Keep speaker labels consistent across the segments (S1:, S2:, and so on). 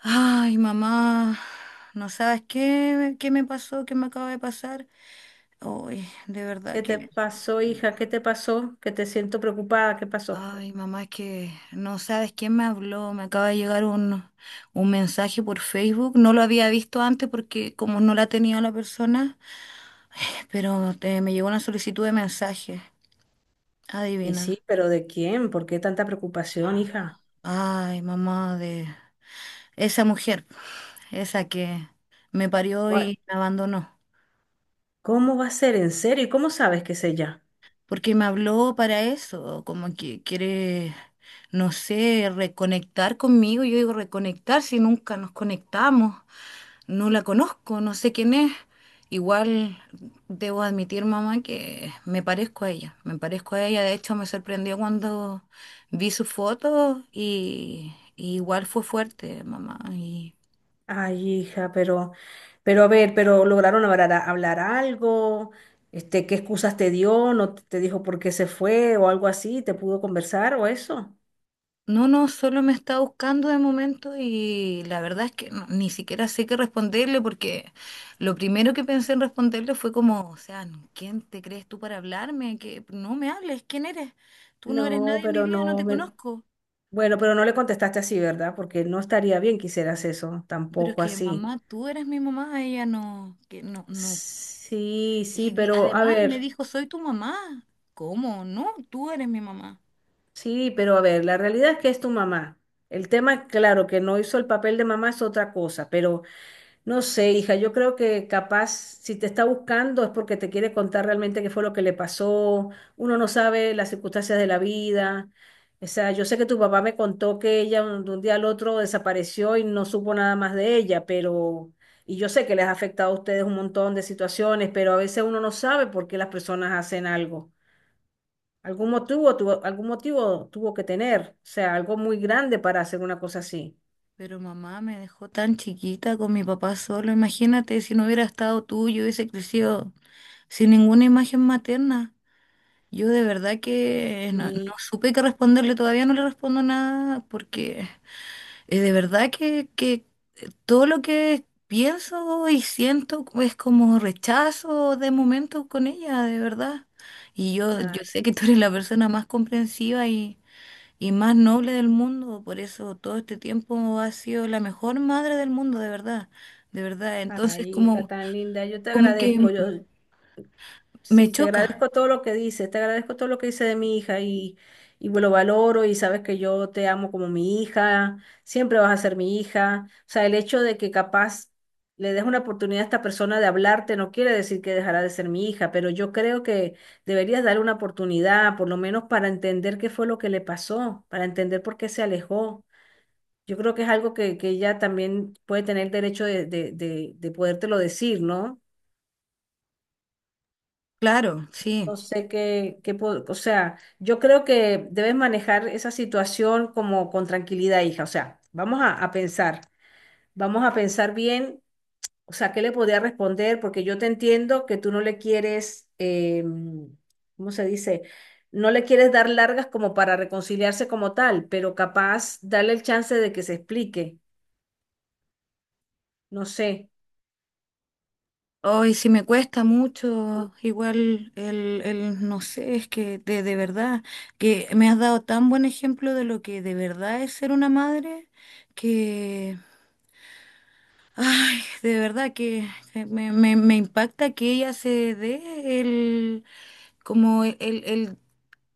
S1: Ay, mamá, no sabes qué me pasó, qué me acaba de pasar. Ay, de verdad
S2: ¿Qué te
S1: que...
S2: pasó, hija? ¿Qué te pasó? Que te siento preocupada. ¿Qué pasó?
S1: Ay, mamá, es que no sabes quién me habló. Me acaba de llegar un mensaje por Facebook. No lo había visto antes porque como no la tenía la persona, pero me llegó una solicitud de mensaje.
S2: Y
S1: Adivina.
S2: sí, pero ¿de quién? ¿Por qué tanta preocupación, hija?
S1: Ay, mamá, de esa mujer, esa que me parió
S2: Gua-
S1: y me abandonó.
S2: ¿Cómo va a ser? ¿En serio? ¿Y cómo sabes que es ella?
S1: Porque me habló para eso, como que quiere, no sé, reconectar conmigo. Yo digo reconectar si nunca nos conectamos, no la conozco, no sé quién es. Igual debo admitir, mamá, que me parezco a ella, me parezco a ella. De hecho, me sorprendió cuando vi su foto y igual fue fuerte, mamá. Y...
S2: Ay, hija, pero a ver, pero lograron hablar, hablar algo. ¿Qué excusas te dio? ¿No te dijo por qué se fue o algo así? ¿Te pudo conversar o eso?
S1: No, no, solo me está buscando de momento y la verdad es que ni siquiera sé qué responderle porque lo primero que pensé en responderle fue como, o sea, ¿quién te crees tú para hablarme? Que no me hables, ¿quién eres? Tú no eres
S2: No,
S1: nadie en mi
S2: pero
S1: vida, no
S2: no.
S1: te conozco.
S2: Bueno, pero no le contestaste así, ¿verdad? Porque no estaría bien que hicieras eso,
S1: Pero es
S2: tampoco
S1: que
S2: así.
S1: mamá, tú eres mi mamá, ella no, que no, no.
S2: Sí, sí,
S1: Y
S2: pero a
S1: además me
S2: ver,
S1: dijo, soy tu mamá. ¿Cómo? No, tú eres mi mamá.
S2: sí, pero a ver, la realidad es que es tu mamá. El tema, claro, que no hizo el papel de mamá es otra cosa, pero no sé, hija, yo creo que capaz si te está buscando es porque te quiere contar realmente qué fue lo que le pasó. Uno no sabe las circunstancias de la vida. O sea, yo sé que tu papá me contó que ella de un día al otro desapareció y no supo nada más de ella, pero… Y yo sé que les ha afectado a ustedes un montón de situaciones, pero a veces uno no sabe por qué las personas hacen algo. Algún motivo tuvo que tener, o sea, algo muy grande para hacer una cosa así.
S1: Pero mamá me dejó tan chiquita con mi papá solo. Imagínate si no hubiera estado tú, yo hubiese crecido. Sin ninguna imagen materna. Yo de verdad que no, no
S2: Y
S1: supe qué responderle, todavía no le respondo nada porque de verdad que todo lo que pienso y siento es como rechazo de momento con ella, de verdad. Y yo
S2: nada.
S1: sé que tú eres la persona más comprensiva y más noble del mundo, por eso todo este tiempo has sido la mejor madre del mundo, de verdad, de verdad. Entonces
S2: Ay, hija
S1: como,
S2: tan linda, yo te
S1: como que
S2: agradezco. Yo,
S1: me
S2: sí, te
S1: choca,
S2: agradezco todo lo que dices, te agradezco todo lo que dices de mi hija y lo valoro y sabes que yo te amo como mi hija, siempre vas a ser mi hija. O sea, el hecho de que capaz le des una oportunidad a esta persona de hablarte no quiere decir que dejará de ser mi hija, pero yo creo que deberías darle una oportunidad, por lo menos para entender qué fue lo que le pasó, para entender por qué se alejó. Yo creo que es algo que ella también puede tener derecho de podértelo decir, ¿no?
S1: claro, sí.
S2: No sé qué, qué, o sea, yo creo que debes manejar esa situación como con tranquilidad, hija. O sea, vamos a pensar, vamos a pensar bien, o sea, qué le podría responder, porque yo te entiendo que tú no le quieres, ¿cómo se dice? No le quieres dar largas como para reconciliarse como tal, pero capaz darle el chance de que se explique. No sé.
S1: Hoy sí me cuesta mucho, igual el no sé, es que de verdad, que me has dado tan buen ejemplo de lo que de verdad es ser una madre, que, ay, de verdad que me impacta que ella se dé el, como el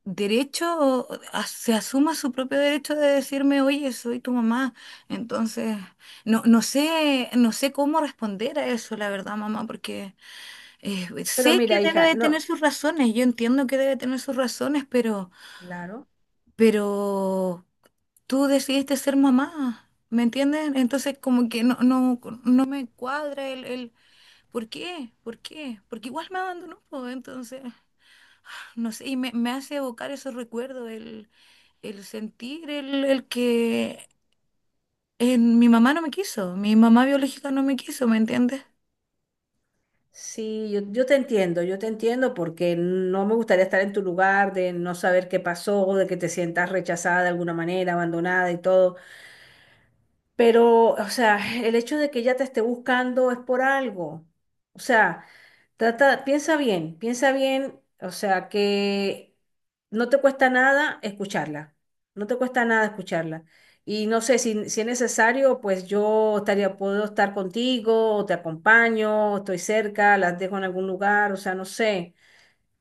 S1: derecho, o se asuma su propio derecho de decirme, oye, soy tu mamá. Entonces, no, no sé cómo responder a eso, la verdad, mamá, porque... Pues,
S2: Pero
S1: sé que
S2: mira,
S1: debe
S2: hija,
S1: de tener
S2: no,
S1: sus razones, yo entiendo que debe tener sus razones, pero,
S2: claro.
S1: pero tú decidiste ser mamá, ¿me entiendes? Entonces como que no, no, no me cuadra el ¿por qué? ¿Por qué? Porque igual me abandonó, pues, entonces, no sé, y me hace evocar esos recuerdos, el sentir el que mi mamá no me quiso, mi mamá biológica no me quiso, ¿me entiendes?
S2: Sí, yo, yo te entiendo porque no me gustaría estar en tu lugar, de no saber qué pasó, de que te sientas rechazada de alguna manera, abandonada y todo. Pero, o sea, el hecho de que ella te esté buscando es por algo. O sea, trata, piensa bien, o sea, que no te cuesta nada escucharla. No te cuesta nada escucharla. Y no sé si, si es necesario, pues yo estaría, puedo estar contigo, o te acompaño, o estoy cerca, las dejo en algún lugar, o sea, no sé.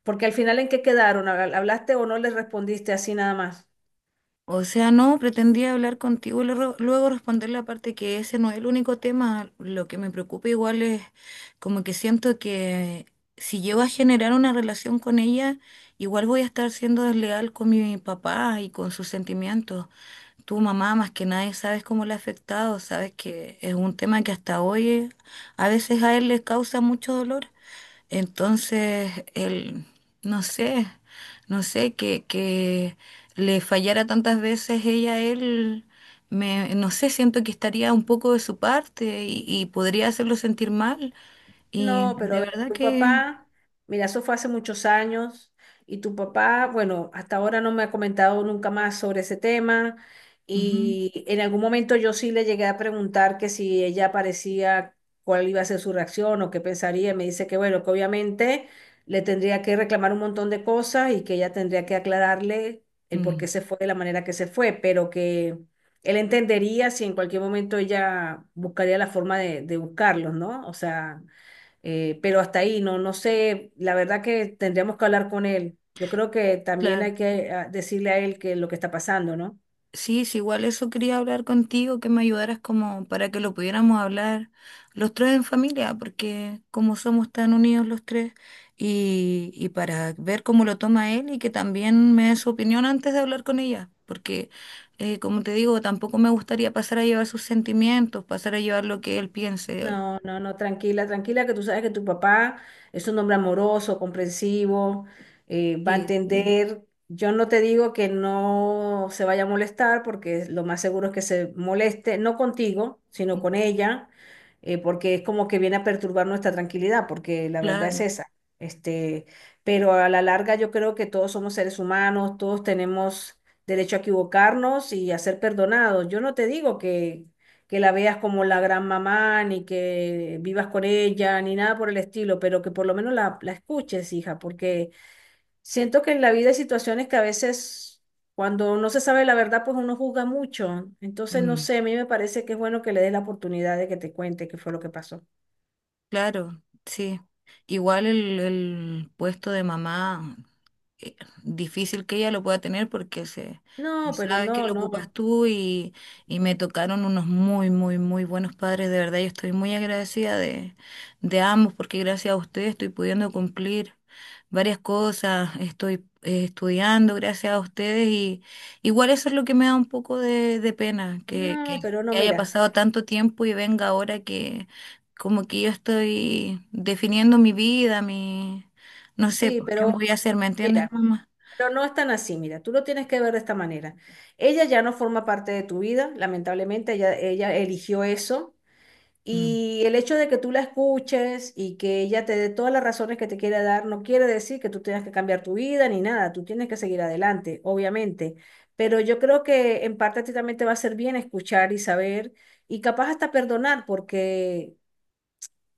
S2: Porque al final, ¿en qué quedaron? ¿Hablaste o no les respondiste así nada más?
S1: O sea, no, pretendía hablar contigo y luego luego responder la parte que ese no es el único tema. Lo que me preocupa igual es como que siento que si llego a generar una relación con ella, igual voy a estar siendo desleal con mi papá y con sus sentimientos. Tu mamá, más que nadie, sabes cómo le ha afectado, sabes que es un tema que hasta hoy a veces a él le causa mucho dolor. Entonces, él, no sé, no sé que le fallara tantas veces ella a él, me, no sé, siento que estaría un poco de su parte y podría hacerlo sentir mal. Y
S2: No, pero a
S1: de
S2: ver,
S1: verdad
S2: tu
S1: que...
S2: papá, mira, eso fue hace muchos años y tu papá, bueno, hasta ahora no me ha comentado nunca más sobre ese tema
S1: Ujú.
S2: y en algún momento yo sí le llegué a preguntar que si ella parecía cuál iba a ser su reacción o qué pensaría y me dice que bueno, que obviamente le tendría que reclamar un montón de cosas y que ella tendría que aclararle el por
S1: Mm.
S2: qué se fue de la manera que se fue, pero que él entendería si en cualquier momento ella buscaría la forma de buscarlos, ¿no? O sea… pero hasta ahí, no, no sé, la verdad que tendríamos que hablar con él. Yo creo que también
S1: Claro.
S2: hay que decirle a él que lo que está pasando, ¿no?
S1: Sí, sí, igual eso quería hablar contigo, que me ayudaras como para que lo pudiéramos hablar los tres en familia, porque como somos tan unidos los tres, y para ver cómo lo toma él y que también me dé su opinión antes de hablar con ella, porque como te digo, tampoco me gustaría pasar a llevar sus sentimientos, pasar a llevar lo que él piense.
S2: No, no, no, tranquila, tranquila, que tú sabes que tu papá es un hombre amoroso, comprensivo, va a
S1: Sí, sí,
S2: entender. Yo no te digo que no se vaya a molestar, porque lo más seguro es que se moleste, no contigo, sino
S1: sí,
S2: con ella, porque es como que viene a perturbar nuestra tranquilidad, porque la verdad es
S1: claro.
S2: esa. Este, pero a la larga yo creo que todos somos seres humanos, todos tenemos derecho a equivocarnos y a ser perdonados. Yo no te digo que la veas como la gran mamá, ni que vivas con ella, ni nada por el estilo, pero que por lo menos la, la escuches, hija, porque siento que en la vida hay situaciones que a veces cuando no se sabe la verdad, pues uno juzga mucho. Entonces, no
S1: Mm.
S2: sé, a mí me parece que es bueno que le des la oportunidad de que te cuente qué fue lo que pasó.
S1: Claro, sí. Igual el puesto de mamá. eh, difícil que ella lo pueda tener porque se no
S2: No, pero
S1: sabe que
S2: no,
S1: lo
S2: no,
S1: ocupas tú y me tocaron unos muy, muy, muy buenos padres. De verdad, yo estoy muy agradecida de ambos porque gracias a ustedes estoy pudiendo cumplir varias cosas, estoy estudiando gracias a ustedes y igual eso es lo que me da un poco de pena, que, que
S2: no, pero
S1: que
S2: no,
S1: haya
S2: mira,
S1: pasado tanto tiempo y venga ahora que como que yo estoy definiendo mi vida, mi... No sé,
S2: sí,
S1: pues, ¿qué
S2: pero
S1: voy a hacer? ¿Me entiendes,
S2: mira.
S1: mamá?
S2: Pero no es tan así, mira, tú lo tienes que ver de esta manera. Ella ya no forma parte de tu vida, lamentablemente, ella eligió eso.
S1: Mm.
S2: Y el hecho de que tú la escuches y que ella te dé todas las razones que te quiera dar, no quiere decir que tú tengas que cambiar tu vida ni nada, tú tienes que seguir adelante, obviamente. Pero yo creo que en parte a ti también te va a hacer bien escuchar y saber y capaz hasta perdonar, porque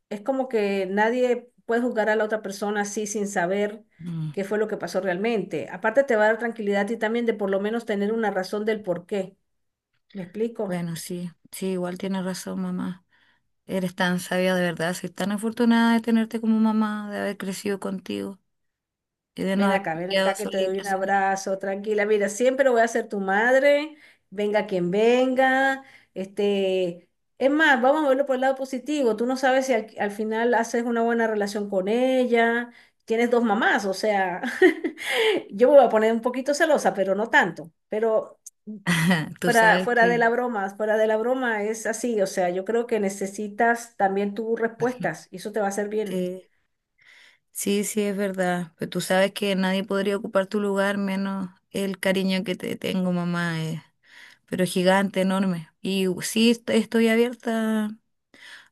S2: es como que nadie puede juzgar a la otra persona así sin saber
S1: Mm.
S2: qué fue lo que pasó realmente. Aparte te va a dar tranquilidad y también de por lo menos tener una razón del por qué. ¿Me explico?
S1: Bueno, sí, sí, igual tienes razón, mamá. Eres tan sabia de verdad, soy tan afortunada de tenerte como mamá, de haber crecido contigo y de no haber
S2: Ven
S1: quedado
S2: acá que te doy
S1: solita.
S2: un abrazo, tranquila. Mira, siempre voy a ser tu madre, venga quien venga. Este, es más, vamos a verlo por el lado positivo. Tú no sabes si al final haces una buena relación con ella, tienes dos mamás, o sea, yo me voy a poner un poquito celosa, pero no tanto. Pero
S1: Tú
S2: fuera,
S1: sabes
S2: fuera de
S1: que
S2: la broma, fuera de la broma es así, o sea, yo creo que necesitas también tus respuestas y eso te va a hacer bien.
S1: sí, sí, sí, es verdad, pero tú sabes que nadie podría ocupar tu lugar menos el cariño que te tengo, mamá, pero es gigante, enorme. Y sí, estoy abierta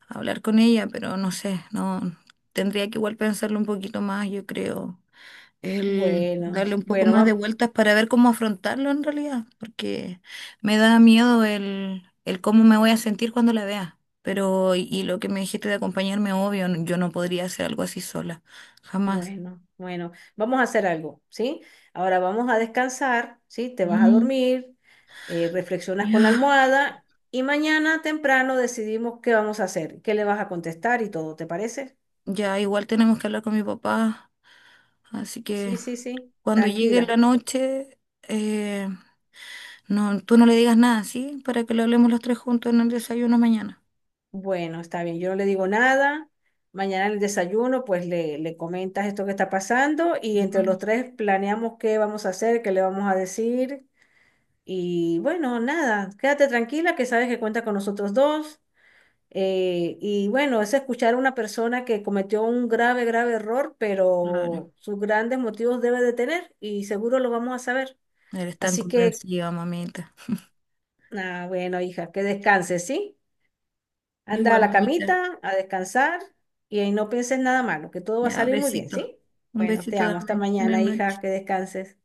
S1: hablar con ella, pero no sé, no tendría que igual pensarlo un poquito más, yo creo, el
S2: Bueno,
S1: darle un poco
S2: bueno,
S1: más de
S2: va-
S1: vueltas para ver cómo afrontarlo en realidad, porque me da miedo el cómo me voy a sentir cuando la vea. Pero, y lo que me dijiste de acompañarme, obvio, yo no podría hacer algo así sola, jamás.
S2: Bueno, bueno, vamos a hacer algo, ¿sí? Ahora vamos a descansar, ¿sí? Te vas a
S1: Mm.
S2: dormir, reflexionas con la
S1: Ya.
S2: almohada y mañana temprano decidimos qué vamos a hacer, qué le vas a contestar y todo, ¿te parece?
S1: Ya, igual tenemos que hablar con mi papá, así
S2: Sí,
S1: que...
S2: sí, sí,
S1: Cuando llegue la
S2: tranquila.
S1: noche, eh, no, tú no le digas nada, ¿sí? Para que lo hablemos los tres juntos en el desayuno mañana.
S2: Bueno, está bien, yo no le digo nada. Mañana en el desayuno, pues le comentas esto que está pasando y entre
S1: Mm.
S2: los tres planeamos qué vamos a hacer, qué le vamos a decir. Y bueno, nada, quédate tranquila que sabes que cuenta con nosotros dos. Y bueno, es escuchar a una persona que cometió un grave, grave error,
S1: Claro.
S2: pero sus grandes motivos debe de tener y seguro lo vamos a saber.
S1: Eres tan
S2: Así que,
S1: comprensiva, mamita.
S2: bueno, hija, que descanses, ¿sí? Anda a
S1: Igual,
S2: la
S1: mamita.
S2: camita, a descansar y ahí no pienses nada malo, que todo va a
S1: Ya,
S2: salir muy bien,
S1: besito.
S2: ¿sí?
S1: Un
S2: Bueno, te
S1: besito,
S2: amo. Hasta
S1: dame. Buenas
S2: mañana, hija,
S1: noches.
S2: que descanses.